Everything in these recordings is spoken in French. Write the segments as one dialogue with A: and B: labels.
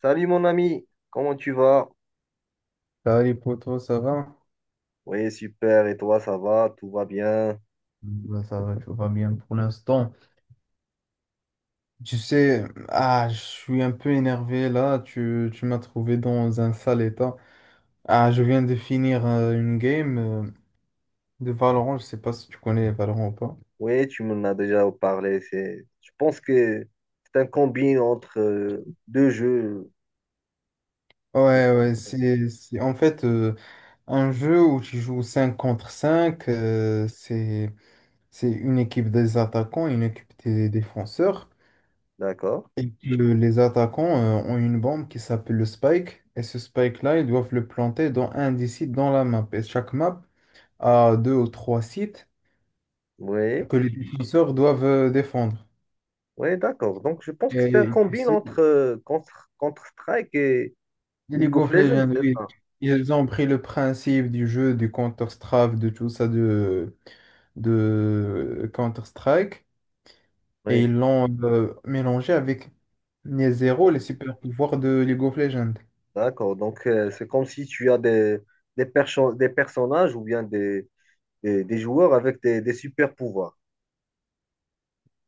A: Salut mon ami, comment tu vas?
B: Salut les potos, ça va?
A: Oui, super, et toi, ça va? Tout va bien?
B: Ouais, ça va, tout va bien pour l'instant. Tu sais, je suis un peu énervé là, tu m'as trouvé dans un sale état. Ah, je viens de finir une game de Valorant, je sais pas si tu connais Valorant ou pas.
A: Oui, tu m'en as déjà parlé. C'est, je pense que c'est un combine entre deux jeux, je
B: Ouais,
A: pense.
B: ouais, c'est- en fait un jeu où tu joues 5 contre 5 c'est une équipe des attaquants, une équipe des défenseurs.
A: D'accord?
B: Et que les attaquants ont une bombe qui s'appelle le spike. Et ce spike-là, ils doivent le planter dans un des sites dans la map. Et chaque map a deux ou trois sites
A: Oui,
B: que les défenseurs doivent défendre.
A: oui, d'accord. Donc, je pense que c'est un
B: Et tu
A: combine
B: sais,
A: entre Counter-Strike et
B: les
A: League
B: League
A: of
B: of
A: Legends,
B: Legends,
A: c'est
B: oui,
A: ça?
B: ils ont pris le principe du jeu, du Counter-Strike, de tout ça, de Counter-Strike. Et
A: Oui.
B: ils l'ont mélangé avec les zéros, les super pouvoirs de League of Legends.
A: D'accord. Donc, c'est comme si tu as des personnages ou bien des joueurs avec des super pouvoirs.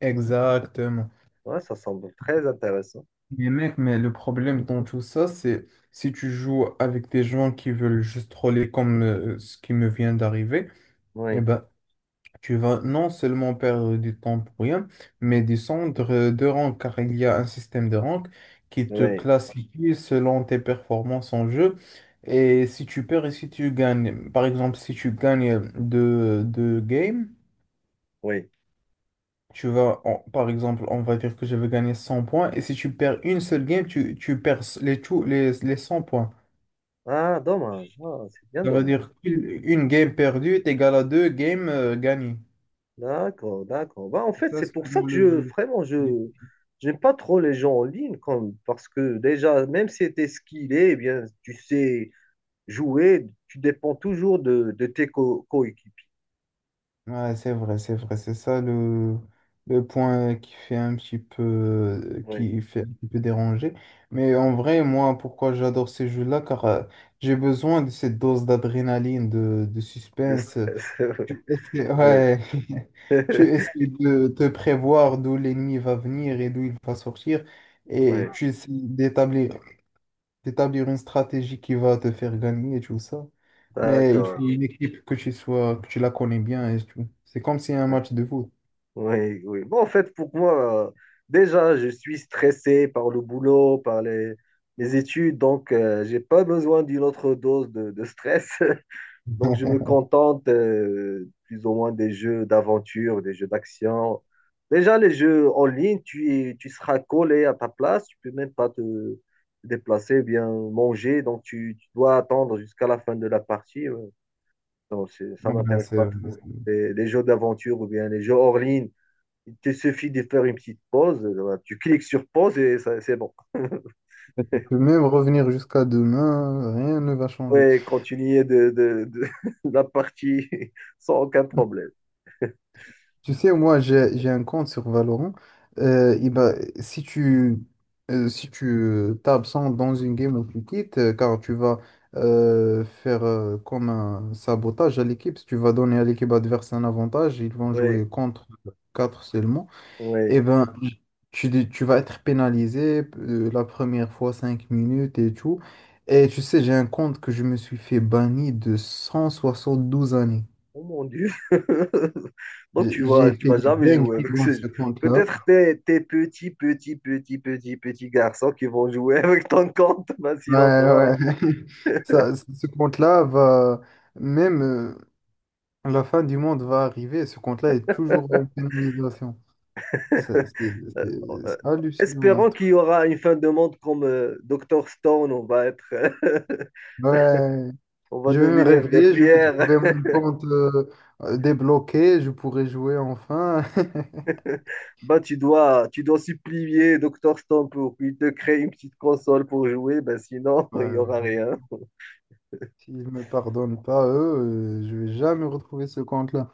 B: Exactement.
A: Ouais, ça semble très intéressant.
B: Mais mec, mais le problème dans tout ça, c'est si tu joues avec des gens qui veulent juste troller comme ce qui me vient d'arriver, eh
A: Oui,
B: ben, tu vas non seulement perdre du temps pour rien, mais descendre de rang, car il y a un système de rank qui te
A: oui,
B: classifie selon tes performances en jeu. Et si tu perds et si tu gagnes, par exemple, si tu gagnes deux games,
A: oui.
B: tu vas, par exemple, on va dire que je vais gagner 100 points, et si tu perds une seule game, tu perds les 100 points.
A: Ah, dommage. Ah, c'est bien
B: Ça veut
A: dommage.
B: dire qu'une une game perdue est égale à deux games gagnées.
A: D'accord, d'accord. Bah, en fait,
B: C'est ça
A: c'est
B: ce
A: pour
B: qui
A: ça
B: rend
A: que
B: le jeu
A: vraiment,
B: difficile.
A: j'aime pas trop les gens en ligne, comme, parce que déjà, même si tu es skillé, eh bien, tu sais jouer, tu dépends toujours de tes coéquipiers.
B: Ouais, c'est vrai, c'est vrai. C'est ça le point qui fait un petit peu,
A: Oui,
B: qui fait un petit peu déranger. Mais en vrai, moi, pourquoi j'adore ces jeux-là? Car j'ai besoin de cette dose d'adrénaline, de
A: de
B: suspense.
A: stress.
B: Tu essaies,
A: Oui,
B: ouais.
A: oui,
B: Tu essaies de te prévoir d'où l'ennemi va venir et d'où il va sortir. Et
A: oui.
B: tu essaies d'établir une stratégie qui va te faire gagner et tout ça. Mais il
A: D'accord.
B: faut une équipe que tu sois, que tu la connais bien et tout. C'est comme si un
A: Ouais.
B: match de foot.
A: Oui, oui. Bon, en fait, pour moi, déjà, je suis stressé par le boulot, par les études, donc j'ai pas besoin d'une autre dose de stress. Donc, je me contente plus ou moins des jeux d'aventure, des jeux d'action. Déjà, les jeux en ligne, tu seras collé à ta place, tu peux même pas te déplacer, bien manger, donc tu dois attendre jusqu'à la fin de la partie. Ouais. Donc, ça
B: Ouais,
A: m'intéresse pas trop.
B: c'est-
A: Les jeux d'aventure ou bien les jeux hors ligne il te suffit de faire une petite pause, tu cliques sur pause et c'est bon.
B: tu peux même revenir jusqu'à demain, rien ne va changer.
A: Ouais, continuer de la partie sans aucun problème.
B: Tu sais, moi, j'ai un compte sur Valorant. Et ben, si tu si tu t'absentes dans une game ou tu quittes, car tu vas faire comme un sabotage à l'équipe, si tu vas donner à l'équipe adverse un avantage, ils vont
A: Ouais,
B: jouer contre 4 seulement,
A: ouais.
B: et ben, tu vas être pénalisé la première fois 5 minutes et tout. Et tu sais, j'ai un compte que je me suis fait banni de 172 années.
A: Oh mon Dieu. Donc
B: J'ai
A: tu vas,
B: j'ai
A: tu
B: fait
A: vas
B: des
A: jamais jouer
B: dingueries
A: avec
B: dans
A: ce
B: ce
A: jeu.
B: compte-là.
A: Peut-être tes petits, petits, petits, petits, petits garçons qui vont jouer avec ton compte, mais
B: Ouais,
A: sinon toi.
B: ouais. Ça, ce compte-là va, même la fin du monde va arriver, ce compte-là est toujours en pénalisation. Ça, C'est
A: Euh, euh,
B: c'est hallucinant, hein.
A: Espérons qu'il y aura une fin de monde comme Docteur Stone. On va être,
B: Ouais,
A: on va
B: je vais me
A: devenir des
B: réveiller, je vais
A: pierres.
B: trouver mon compte débloqué, je pourrai jouer enfin.
A: Bah, tu dois supplier Docteur Stone pour qu'il te crée une petite console pour jouer. Bah, sinon,
B: Ouais,
A: il y
B: ouais.
A: aura rien.
B: S'ils me pardonnent pas, eux, je vais jamais retrouver ce compte-là.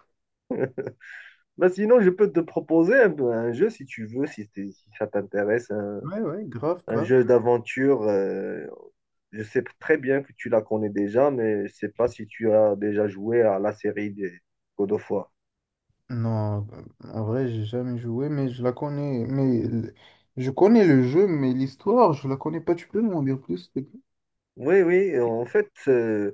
A: Bah, sinon, je peux te proposer un jeu si tu veux, si ça t'intéresse, un,
B: Ouais, ouais, grave,
A: un
B: grave.
A: jeu d'aventure. Je sais très bien que tu la connais déjà, mais je sais pas si tu as déjà joué à la série des God of War.
B: Non, en vrai, j'ai jamais joué, mais je la connais. Je connais le jeu, mais l'histoire, je la connais pas. Tu peux m'en dire plus, s'il te plaît?
A: Oui, oui, en fait, euh,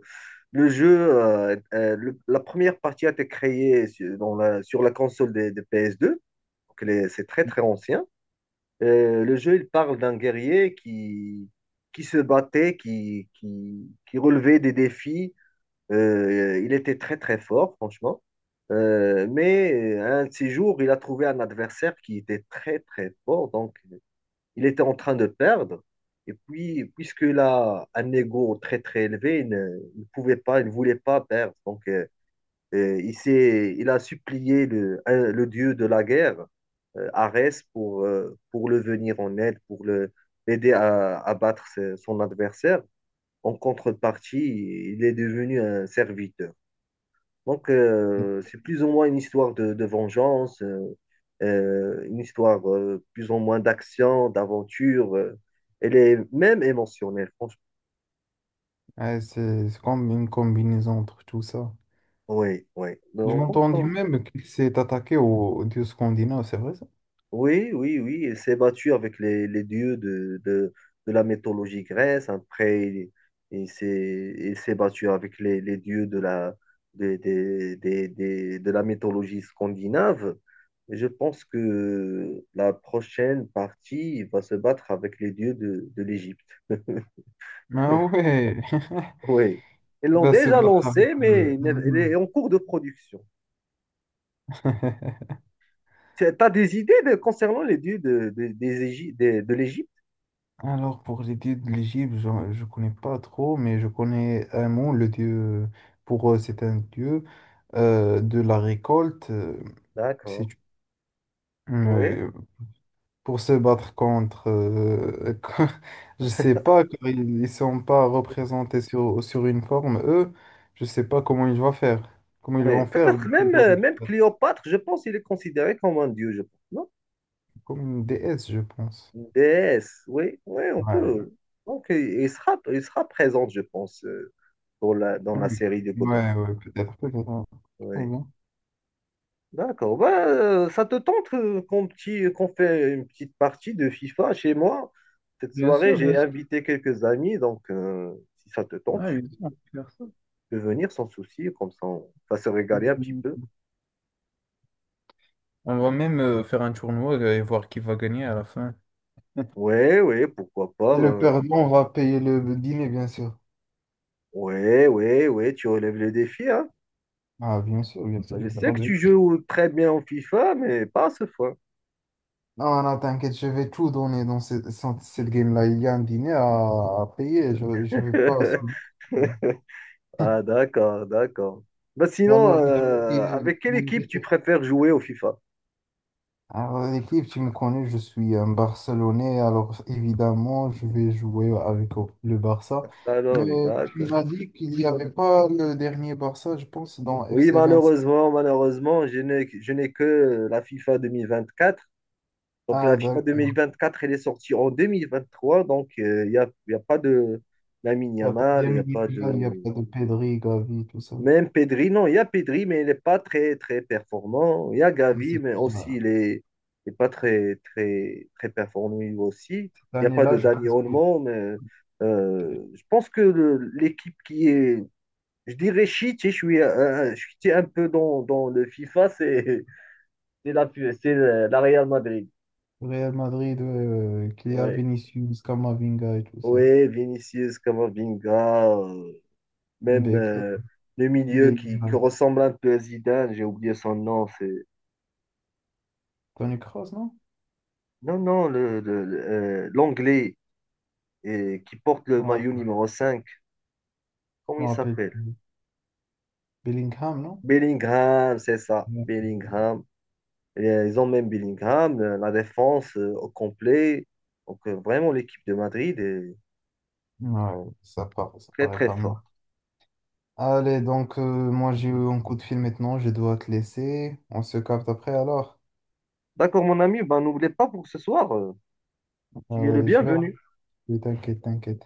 A: Le jeu, la première partie a été créée sur la console des PS2. Donc c'est très très ancien. Le jeu, il parle d'un guerrier qui se battait, qui relevait des défis. Il était très très fort, franchement. Mais un de ces jours, il a trouvé un adversaire qui était très très fort. Donc il était en train de perdre. Et puis, puisqu'il a un ego très très élevé, il pouvait pas, il ne voulait pas perdre. Donc, il a supplié le dieu de la guerre, Arès, pour le venir en aide, l'aider à battre son adversaire. En contrepartie, il est devenu un serviteur. Donc, c'est plus ou moins une histoire de vengeance, une histoire plus ou moins d'action, d'aventure. Elle est même émotionnelle, franchement.
B: Ouais, c'est comme une combinaison entre tout ça.
A: Oui, oui.
B: Je
A: Donc,
B: m'entendais
A: bon.
B: même qu'il s'est attaqué au dieu scandinave, c'est vrai ça?
A: Oui, oui, oui, il s'est battu avec les dieux de la mythologie grecque. Après, il s'est battu avec les dieux de la, des- de la mythologie scandinave. Et je pense que la prochaine partie il va se battre avec les dieux de l'Égypte.
B: Ah ouais,
A: Oui, ils
B: il
A: l'ont
B: va se
A: déjà
B: battre avec.
A: lancé,
B: euh,
A: mais il n'est- elle
B: l'allemand.
A: est en cours de production. Tu as des idées concernant les dieux de, des Égy- des- de l'Égypte?
B: Alors, pour les dieux de l'Égypte, je ne connais pas trop, mais je connais un mot le dieu, pour eux, c'est un dieu de la récolte. C'est,
A: D'accord. Oui.
B: euh, pour se battre contre, je sais pas, car ils sont pas représentés sur une forme, eux, je sais pas comment ils vont faire, comment ils
A: Oui,
B: vont faire,
A: peut-être même,
B: plutôt, le
A: même
B: créateur,
A: Cléopâtre, je pense qu'il est considéré comme un dieu, je pense, non?
B: comme une déesse, je pense.
A: Une déesse, oui, oui, on
B: Ouais,
A: peut. Donc, il sera présent, je pense, dans la
B: oui,
A: série de God of
B: ouais, ouais, peut-être, peut-être.
A: War.
B: Très
A: Oui.
B: bien.
A: D'accord. Bah, ça te tente qu'on fait une petite partie de FIFA chez moi? Cette
B: Bien
A: soirée,
B: sûr,
A: j'ai
B: bien sûr.
A: invité quelques amis, donc si ça te tente,
B: Ah,
A: tu
B: ils savent faire ça.
A: peux venir sans souci, comme ça on va se régaler un petit peu.
B: Mhm. On va même faire un tournoi et voir qui va gagner à la fin.
A: Oui, oui, pourquoi pas.
B: Et le
A: Bah.
B: perdant va payer le dîner, bien sûr.
A: Oui, oui, oui, tu relèves le défi, hein.
B: Ah, bien sûr, bien sûr,
A: Je
B: bien
A: sais que tu
B: sûr.
A: joues très bien au FIFA, mais pas à ce fois.
B: Non, non, t'inquiète, je vais tout donner dans cette, cette game-là. Il y a un dîner à payer. Je ne veux pas.
A: Ah, d'accord, d'accord. Bah,
B: La
A: sinon,
B: nourriture,
A: avec quelle
B: la
A: équipe tu
B: nourriture.
A: préfères jouer au FIFA?
B: Alors, l'équipe, tu me connais, je suis un Barcelonais. Alors, évidemment, je vais jouer avec le Barça. Mais
A: Barcelone,
B: tu
A: d'accord.
B: m'as dit qu'il n'y avait pas le dernier Barça, je pense, dans
A: Oui,
B: FC25.
A: malheureusement, je n'ai que la FIFA 2024. Donc,
B: Ah,
A: la FIFA deux mille
B: d'accord.
A: vingt-quatre, elle est sortie en 2023. Donc, il y a pas de Lamine
B: Il n'y a pas de
A: Yamal, il n'y a
B: Lamine
A: pas
B: Yamal, il n'y a
A: de.
B: pas de Pedri, Gavi, tout ça.
A: Même Pedri, non, il y a Pedri, mais il n'est pas très, très performant. Il y a
B: Mais
A: Gavi,
B: c'est
A: mais aussi,
B: pas-
A: il est pas très, très, très performant lui aussi.
B: Cette
A: Il n'y a pas
B: année-là,
A: de
B: je
A: Dani
B: pense que
A: Olmo, mais
B: que
A: je pense que l'équipe qui est, je dirais shit, je suis un peu dans le FIFA, c'est la, c'est la Real Madrid.
B: Real Madrid, qu'il y a
A: Ouais.
B: Vinicius, Camavinga et tout ça.
A: Ouais, Vinicius, Camavinga, même
B: Beck,
A: le milieu qui
B: Bellingham.
A: ressemble un peu à Zidane, j'ai oublié son nom, c'est.
B: Toni Kroos, non?
A: Non, non, l'anglais qui porte
B: Je
A: le
B: me rappelle
A: maillot numéro 5 comment
B: je
A: il
B: me rappelle
A: s'appelle?
B: plus. Bellingham, non?
A: Bellingham, c'est ça,
B: Ouais,
A: Bellingham. Et, ils ont même Bellingham, la défense au complet. Donc, vraiment, l'équipe de Madrid est
B: Ouais, ça
A: très,
B: paraît
A: très
B: pas mal.
A: forte.
B: Allez, donc moi j'ai eu un coup de fil maintenant, je dois te laisser. On se capte après alors.
A: D'accord, mon ami, ben, n'oublie pas pour ce soir,
B: Ah
A: tu es le
B: ouais, je vais
A: bienvenu.
B: rappeler, t'inquiète, t'inquiète.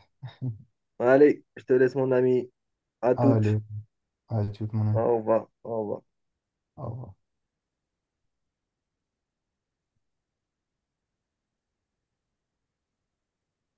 A: Allez, je te laisse, mon ami. À toutes.
B: Allez, allez, tu mon ami.
A: Au revoir. Au revoir.
B: Au revoir.